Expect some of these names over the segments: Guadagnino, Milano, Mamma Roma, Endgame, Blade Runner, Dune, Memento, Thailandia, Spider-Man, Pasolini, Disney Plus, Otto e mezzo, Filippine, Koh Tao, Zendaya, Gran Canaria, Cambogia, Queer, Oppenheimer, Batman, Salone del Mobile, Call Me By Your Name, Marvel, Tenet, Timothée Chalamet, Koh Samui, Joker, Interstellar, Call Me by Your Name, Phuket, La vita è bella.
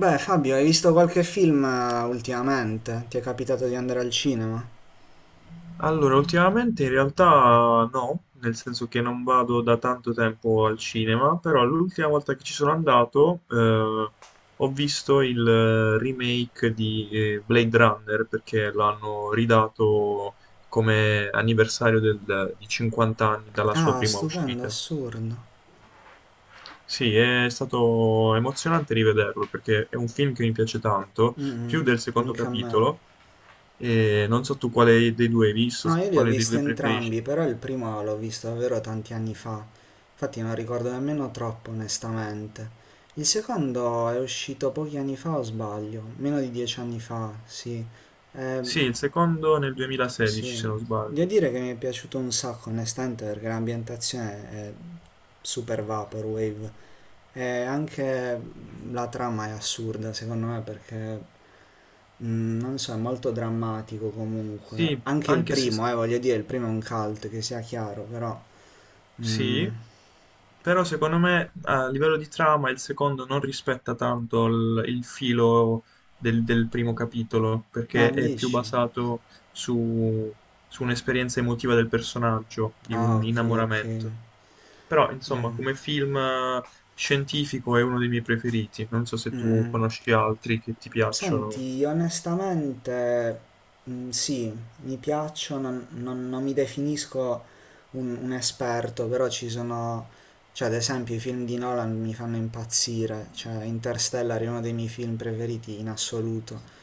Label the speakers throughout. Speaker 1: Beh, Fabio, hai visto qualche film ultimamente? Ti è capitato di andare al cinema?
Speaker 2: Allora, ultimamente in realtà no, nel senso che non vado da tanto tempo al cinema, però l'ultima volta che ci sono andato ho visto il remake di Blade Runner perché l'hanno ridato come anniversario di 50 anni dalla sua
Speaker 1: Ah,
Speaker 2: prima
Speaker 1: stupendo,
Speaker 2: uscita.
Speaker 1: assurdo.
Speaker 2: Sì, è stato emozionante rivederlo perché è un film che mi piace tanto,
Speaker 1: Mm,
Speaker 2: più del secondo
Speaker 1: anche a me.
Speaker 2: capitolo, e non so tu quale dei due hai visto,
Speaker 1: No, io li ho
Speaker 2: quale dei
Speaker 1: visti
Speaker 2: due preferisci.
Speaker 1: entrambi, però il primo l'ho visto davvero tanti anni fa. Infatti non ricordo nemmeno troppo, onestamente. Il secondo è uscito pochi anni fa, o sbaglio? Meno di dieci anni fa, sì. Eh,
Speaker 2: Sì, il secondo nel 2016,
Speaker 1: Sì,
Speaker 2: se non
Speaker 1: devo
Speaker 2: sbaglio.
Speaker 1: dire che mi è piaciuto un sacco, onestamente, perché l'ambientazione è super vaporwave e anche la trama è assurda, secondo me, perché non so, è molto drammatico comunque.
Speaker 2: Sì,
Speaker 1: Anche il
Speaker 2: anche se...
Speaker 1: primo, voglio dire, il primo è un cult, che sia chiaro, però mm.
Speaker 2: Sì, però secondo me a livello di trama il secondo non rispetta tanto il filo del primo capitolo,
Speaker 1: Ah,
Speaker 2: perché è più
Speaker 1: dici?
Speaker 2: basato su, su un'esperienza emotiva del personaggio, di
Speaker 1: Ah,
Speaker 2: un
Speaker 1: ok, ok.
Speaker 2: innamoramento. Però, insomma,
Speaker 1: Mm,
Speaker 2: come film scientifico è uno dei miei preferiti. Non so se
Speaker 1: mm,
Speaker 2: tu
Speaker 1: mm.
Speaker 2: conosci altri che ti piacciono.
Speaker 1: Senti, onestamente, mm, sì, mi piaccio, non, non- non mi definisco un esperto, però ci sono, cioè ad esempio i film di Nolan mi fanno impazzire, cioè Interstellar è uno dei miei film preferiti in assoluto.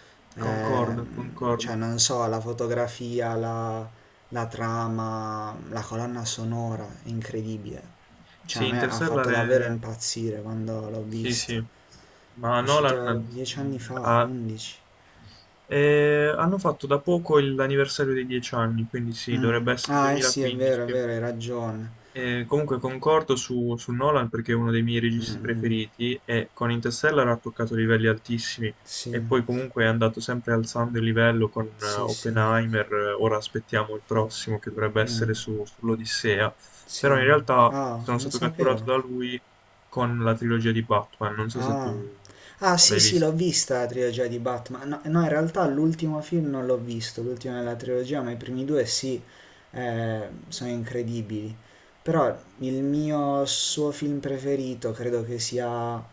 Speaker 2: Concordo, concordo.
Speaker 1: Cioè non so, la fotografia, la trama, la colonna sonora, è incredibile, cioè a
Speaker 2: Sì,
Speaker 1: me ha fatto
Speaker 2: Interstellar
Speaker 1: davvero
Speaker 2: è...
Speaker 1: impazzire quando l'ho
Speaker 2: Sì, sì,
Speaker 1: visto,
Speaker 2: ma
Speaker 1: è uscito
Speaker 2: Nolan
Speaker 1: dieci anni
Speaker 2: mm,
Speaker 1: fa,
Speaker 2: ha-
Speaker 1: undici.
Speaker 2: hanno fatto da poco l'anniversario dei 10 anni, quindi sì,
Speaker 1: Mh.
Speaker 2: dovrebbe essere
Speaker 1: Ah, eh sì, è vero,
Speaker 2: 2015.
Speaker 1: hai ragione.
Speaker 2: Comunque concordo su Nolan perché è uno dei miei registi
Speaker 1: Mh-mh.
Speaker 2: preferiti e con Interstellar ha toccato livelli altissimi e
Speaker 1: Sì,
Speaker 2: poi comunque è andato sempre alzando il livello con
Speaker 1: sì, sì.
Speaker 2: Oppenheimer, ora aspettiamo il prossimo che dovrebbe
Speaker 1: Mh,
Speaker 2: essere sull'Odissea, però
Speaker 1: sì.
Speaker 2: in realtà
Speaker 1: Ah,
Speaker 2: sono
Speaker 1: non
Speaker 2: stato catturato da
Speaker 1: sapevo.
Speaker 2: lui con la trilogia di Batman, non so se tu
Speaker 1: Ah. Ah, sì,
Speaker 2: l'hai
Speaker 1: sì,
Speaker 2: visto.
Speaker 1: l'ho vista la trilogia di Batman. No, no, in realtà l'ultimo film non l'ho visto, l'ultimo della trilogia, ma i primi due sì, sono incredibili. Però il mio suo film preferito credo che sia...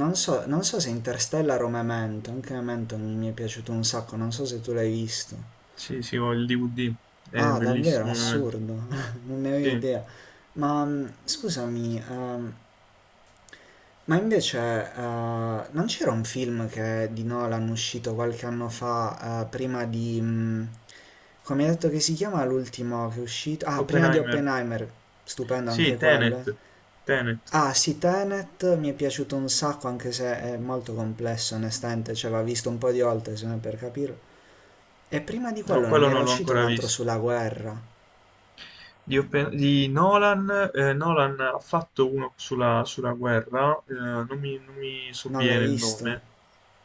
Speaker 1: Non so, non so se Interstellar o Memento, anche Memento mi è piaciuto un sacco, non so se tu l'hai visto.
Speaker 2: Sì, sì, ho il DVD, è
Speaker 1: Ah, davvero
Speaker 2: bellissimo ovviamente.
Speaker 1: assurdo, non ne avevo
Speaker 2: Sì,
Speaker 1: idea. Ma scusami, ma invece non c'era un film che di Nolan uscito qualche anno fa, prima di... come hai detto che si chiama l'ultimo che è uscito? Ah, prima di
Speaker 2: Oppenheimer.
Speaker 1: Oppenheimer, stupendo anche
Speaker 2: Sì,
Speaker 1: quello.
Speaker 2: Tenet. Tenet.
Speaker 1: Ah, sì, Tenet mi è piaciuto un sacco, anche se è molto complesso, onestamente, cioè l'ho visto un po' di volte, se non per capirlo. E prima di
Speaker 2: No,
Speaker 1: quello non
Speaker 2: quello
Speaker 1: era
Speaker 2: non l'ho
Speaker 1: uscito un
Speaker 2: ancora
Speaker 1: altro
Speaker 2: visto.
Speaker 1: sulla guerra,
Speaker 2: Di Nolan, Nolan ha fatto uno sulla guerra, non mi
Speaker 1: non l'hai
Speaker 2: sovviene il
Speaker 1: visto?
Speaker 2: nome.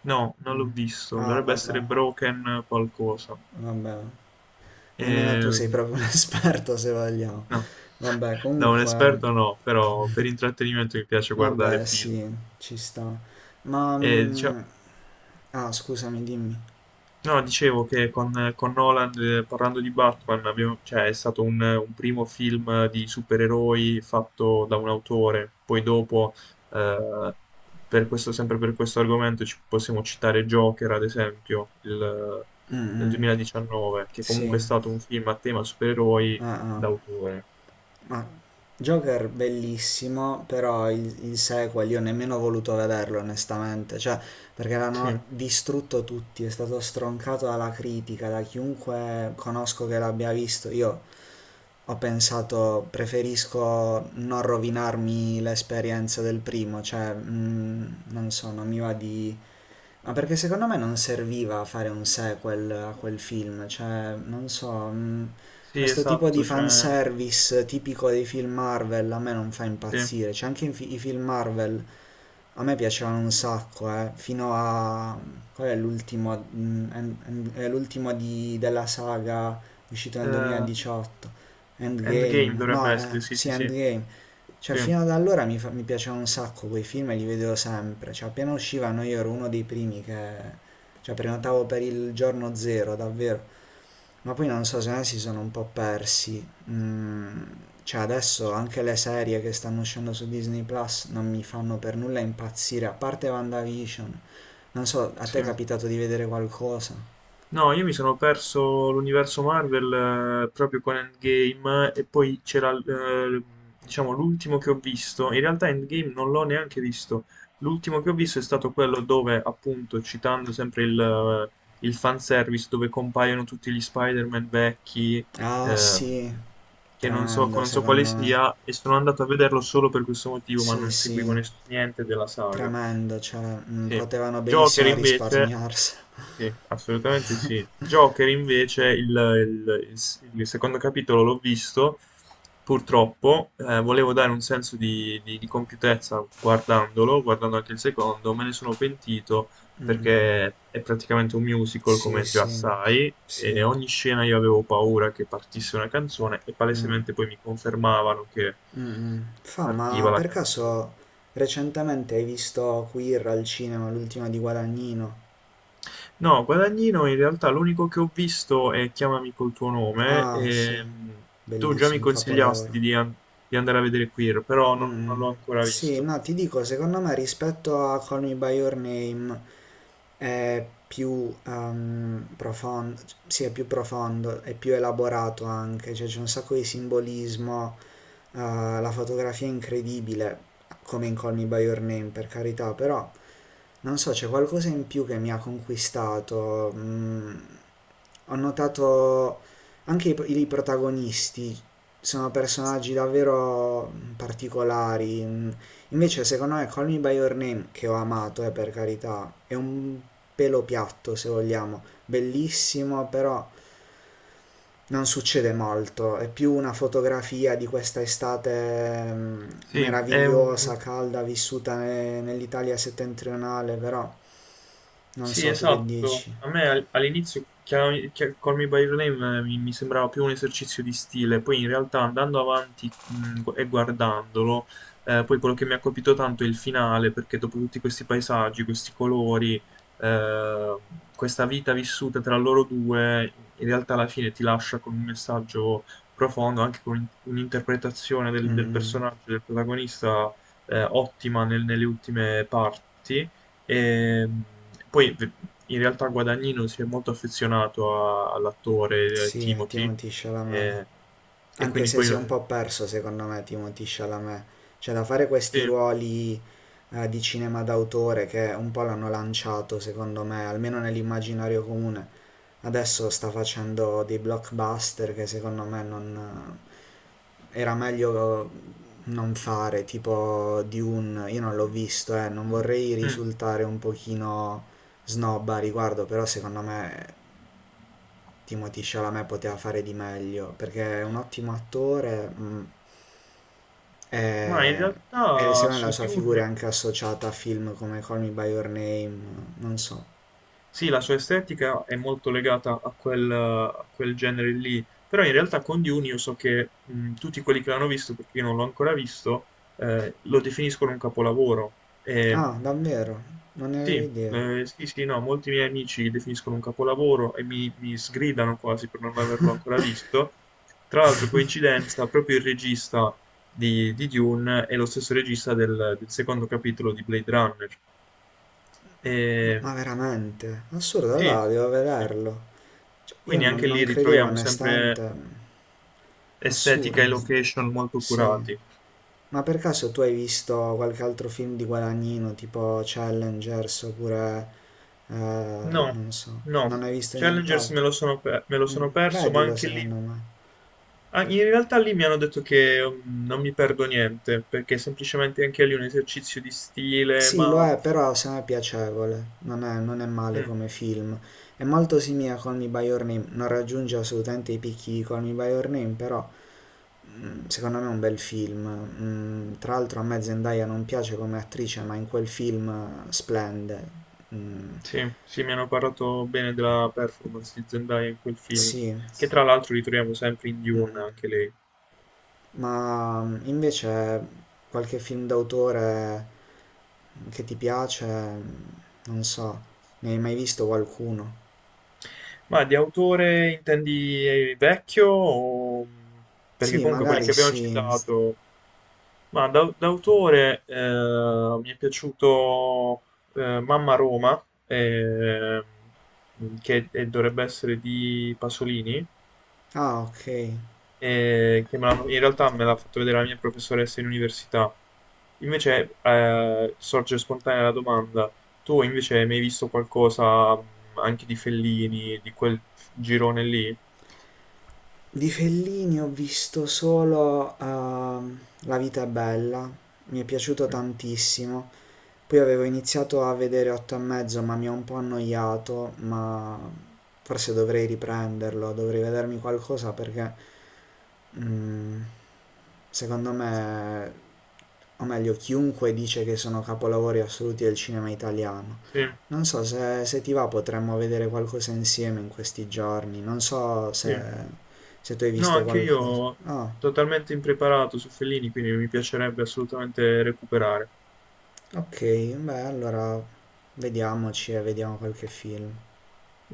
Speaker 2: No, non l'ho
Speaker 1: Mm.
Speaker 2: visto,
Speaker 1: Ah,
Speaker 2: dovrebbe
Speaker 1: vabbè,
Speaker 2: essere Broken qualcosa.
Speaker 1: vabbè. Nemmeno tu sei
Speaker 2: Ehm,
Speaker 1: proprio un esperto, se vogliamo.
Speaker 2: no,
Speaker 1: Vabbè,
Speaker 2: da un
Speaker 1: comunque,
Speaker 2: esperto no, però per intrattenimento mi piace guardare
Speaker 1: vabbè,
Speaker 2: film.
Speaker 1: sì, ci sta. Ma...
Speaker 2: E, dicia-
Speaker 1: ah, scusami, dimmi.
Speaker 2: No, dicevo che con Nolan, parlando di Batman, cioè, è stato un primo film di supereroi fatto da un autore. Poi dopo, eh, sempre per questo argomento, ci possiamo citare Joker, ad esempio,
Speaker 1: Mm,
Speaker 2: del
Speaker 1: mm,
Speaker 2: 2019, che comunque è
Speaker 1: sì.
Speaker 2: stato un film a tema supereroi
Speaker 1: Ah, ah.
Speaker 2: d'autore.
Speaker 1: Ma Joker bellissimo, però il sequel io nemmeno ho voluto vederlo, onestamente. Cioè, perché
Speaker 2: Sì,
Speaker 1: l'hanno distrutto tutti, è stato stroncato dalla critica, da chiunque conosco che l'abbia visto. Io ho pensato preferisco non rovinarmi l'esperienza del primo, cioè non so, non mi va di... Ma perché secondo me non serviva fare un sequel a quel film, cioè non so,
Speaker 2: sì,
Speaker 1: questo tipo di
Speaker 2: esatto, cioè,
Speaker 1: fanservice tipico dei film Marvel a me non fa
Speaker 2: sì.
Speaker 1: impazzire, cioè anche i film Marvel a me piacevano un sacco, fino a... Qual è l'ultimo? È l'ultimo della saga uscito nel
Speaker 2: Eh,
Speaker 1: 2018,
Speaker 2: Endgame
Speaker 1: Endgame.
Speaker 2: dovrebbe
Speaker 1: No,
Speaker 2: essere, sì,
Speaker 1: sì,
Speaker 2: sì, sì,
Speaker 1: Endgame. Cioè, fino ad allora mi piacevano un sacco quei film e li vedevo sempre. Cioè, appena uscivano io ero uno dei primi che... Cioè, prenotavo per il giorno zero, davvero. Ma poi non so se ne si sono un po' persi. Cioè adesso anche le serie che stanno uscendo su Disney Plus non mi fanno per nulla impazzire, a parte WandaVision. Non so, a te è
Speaker 2: sì, sì.
Speaker 1: capitato di vedere qualcosa?
Speaker 2: No, io mi sono perso l'universo Marvel proprio con Endgame e poi c'era diciamo l'ultimo che ho visto. In realtà Endgame non l'ho neanche visto. L'ultimo che ho visto è stato quello dove, appunto, citando sempre il fanservice, dove compaiono tutti gli Spider-Man vecchi,
Speaker 1: Ah
Speaker 2: ehm,
Speaker 1: sì,
Speaker 2: che non so,
Speaker 1: tremendo
Speaker 2: non so quale
Speaker 1: secondo me.
Speaker 2: sia, e sono andato a vederlo solo per questo motivo, ma
Speaker 1: Sì,
Speaker 2: non seguivo
Speaker 1: sì,
Speaker 2: niente della saga.
Speaker 1: tremendo, cioè
Speaker 2: Sì.
Speaker 1: potevano
Speaker 2: Joker
Speaker 1: benissimo
Speaker 2: invece,
Speaker 1: risparmiarsela.
Speaker 2: sì, assolutamente sì. Joker invece, il secondo capitolo l'ho visto, purtroppo, volevo dare un senso di compiutezza guardandolo, guardando anche il secondo, me ne sono pentito perché è praticamente un musical,
Speaker 1: Sì,
Speaker 2: come già
Speaker 1: sì,
Speaker 2: sai, e
Speaker 1: sì.
Speaker 2: ogni scena io avevo paura che partisse una canzone e palesemente poi mi confermavano che
Speaker 1: Mm, mm. Ma
Speaker 2: partiva la
Speaker 1: per
Speaker 2: canzone.
Speaker 1: caso recentemente hai visto Queer al cinema, l'ultima di Guadagnino?
Speaker 2: No, Guadagnino in realtà l'unico che ho visto è Chiamami col tuo nome.
Speaker 1: Ah, sì,
Speaker 2: Tu già mi
Speaker 1: bellissimo, un capolavoro.
Speaker 2: consigliasti di andare a vedere Queer, però non
Speaker 1: Mm,
Speaker 2: l'ho ancora
Speaker 1: sì,
Speaker 2: visto.
Speaker 1: no, ti dico, secondo me rispetto a Call Me By Your Name è più profondo, sì, è più profondo, è più elaborato anche, cioè c'è un sacco di simbolismo, eh, la fotografia è incredibile, come in Call Me By Your Name, per carità, però... Non so, c'è qualcosa in più che mi ha conquistato. Ho notato anche i protagonisti sono personaggi davvero particolari. Mm. Invece, secondo me, Call Me By Your Name, che ho amato, per carità, è un pelo piatto, se vogliamo, bellissimo, però non succede molto. È più una fotografia di questa estate
Speaker 2: Sì, è un.
Speaker 1: meravigliosa, calda, vissuta nell'Italia settentrionale, però. Non
Speaker 2: Sì,
Speaker 1: so, tu che
Speaker 2: esatto.
Speaker 1: dici?
Speaker 2: A me all'inizio Call Me by Your Name mi sembrava più un esercizio di stile, poi in realtà andando avanti e guardandolo, poi quello che mi ha colpito tanto è il finale, perché dopo tutti questi paesaggi, questi colori, eh, questa vita vissuta tra loro due, in realtà alla fine ti lascia con un messaggio profondo, anche con un'interpretazione del
Speaker 1: Mm-mm.
Speaker 2: personaggio, del protagonista, ottima nelle ultime parti. E, mh, poi v- In realtà Guadagnino si è molto affezionato all'attore
Speaker 1: Sì, a
Speaker 2: Timothy
Speaker 1: Timothée Chalamet.
Speaker 2: eh, e,
Speaker 1: Anche
Speaker 2: quindi
Speaker 1: se
Speaker 2: poi
Speaker 1: si è un po' perso, secondo me, Timothée Chalamet. Cioè, da fare questi
Speaker 2: sì.
Speaker 1: ruoli di cinema d'autore che un po' l'hanno lanciato, secondo me, almeno nell'immaginario comune. Adesso sta facendo dei blockbuster che secondo me non... era meglio non fare, tipo Dune. Io non l'ho visto, non vorrei
Speaker 2: Mm.
Speaker 1: risultare un pochino snob a riguardo, però secondo me Timothée Chalamet poteva fare di meglio perché è un ottimo attore
Speaker 2: Ma in
Speaker 1: e, e
Speaker 2: realtà
Speaker 1: secondo me la
Speaker 2: su
Speaker 1: sua figura è
Speaker 2: Dune.
Speaker 1: anche associata a film come Call Me By Your Name, non so.
Speaker 2: Sì, la sua estetica è molto legata a quel, genere lì, però in realtà con Dune io so che tutti quelli che l'hanno visto, perché io non l'ho ancora visto, lo definiscono un capolavoro. E,
Speaker 1: Ah, davvero? Non ne avevo
Speaker 2: sì,
Speaker 1: idea.
Speaker 2: sì, sì, no, molti miei amici lo definiscono un capolavoro e mi sgridano quasi per non averlo ancora visto. Tra l'altro, coincidenza, proprio il regista di Dune è lo stesso regista del secondo capitolo di Blade Runner.
Speaker 1: M- Ma
Speaker 2: E,
Speaker 1: veramente? Assurdo,
Speaker 2: sì,
Speaker 1: allora devo
Speaker 2: sì, sì.
Speaker 1: vederlo. Cioè, io
Speaker 2: Quindi
Speaker 1: non,
Speaker 2: anche
Speaker 1: non
Speaker 2: lì
Speaker 1: credevo
Speaker 2: ritroviamo sempre
Speaker 1: onestamente. Assurdo,
Speaker 2: estetica e location molto
Speaker 1: sì.
Speaker 2: curati.
Speaker 1: Ma per caso tu hai visto qualche altro film di Guadagnino, tipo Challengers oppure...
Speaker 2: No,
Speaker 1: non so,
Speaker 2: no,
Speaker 1: non hai visto
Speaker 2: Challengers
Speaker 1: nient'altro?
Speaker 2: me lo
Speaker 1: Mm,
Speaker 2: sono perso, ma
Speaker 1: vedilo
Speaker 2: anche
Speaker 1: secondo
Speaker 2: lì...
Speaker 1: me.
Speaker 2: Ah, in realtà lì mi hanno detto che non mi perdo niente, perché è semplicemente anche lì è un esercizio di stile,
Speaker 1: Sì, lo
Speaker 2: ma...
Speaker 1: è, però secondo me è piacevole, non è male
Speaker 2: mm,
Speaker 1: come film. È molto simile a Call Me By Your Name, non raggiunge assolutamente i picchi di Call Me By Your Name, però secondo me è un bel film. Mm, tra l'altro a me Zendaya non piace come attrice, ma in quel film splende. Mm,
Speaker 2: sì, sì, mi hanno parlato bene della performance di Zendaya in quel film,
Speaker 1: sì,
Speaker 2: che tra l'altro ritroviamo sempre in Dune, anche lei.
Speaker 1: ma invece qualche film d'autore che ti piace, non so, ne hai mai visto qualcuno?
Speaker 2: Ma di autore intendi vecchio? Perché
Speaker 1: Sì,
Speaker 2: comunque quelli
Speaker 1: magari
Speaker 2: che abbiamo
Speaker 1: sì.
Speaker 2: citato... Ma d'autore mi è piaciuto Mamma Roma, che dovrebbe essere di Pasolini,
Speaker 1: Ah, ok.
Speaker 2: che in realtà me l'ha fatto vedere la mia professoressa in università. Invece sorge spontanea la domanda, tu invece hai mai visto qualcosa anche di Fellini, di quel girone lì?
Speaker 1: Di Fellini ho visto solo La vita è bella, mi è piaciuto
Speaker 2: Mm,
Speaker 1: tantissimo. Poi avevo iniziato a vedere Otto e mezzo, ma mi ha un po' annoiato, ma forse dovrei riprenderlo, dovrei vedermi qualcosa perché mm, secondo me, o meglio, chiunque dice che sono capolavori assoluti del cinema italiano.
Speaker 2: sì,
Speaker 1: Non so se, se ti va potremmo vedere qualcosa insieme in questi giorni. Non so se,
Speaker 2: sì.
Speaker 1: se tu hai
Speaker 2: No,
Speaker 1: visto
Speaker 2: anche
Speaker 1: qualcosa.
Speaker 2: io
Speaker 1: Ah,
Speaker 2: totalmente impreparato su Fellini, quindi mi piacerebbe assolutamente recuperare.
Speaker 1: ok, beh, allora vediamoci e vediamo qualche film.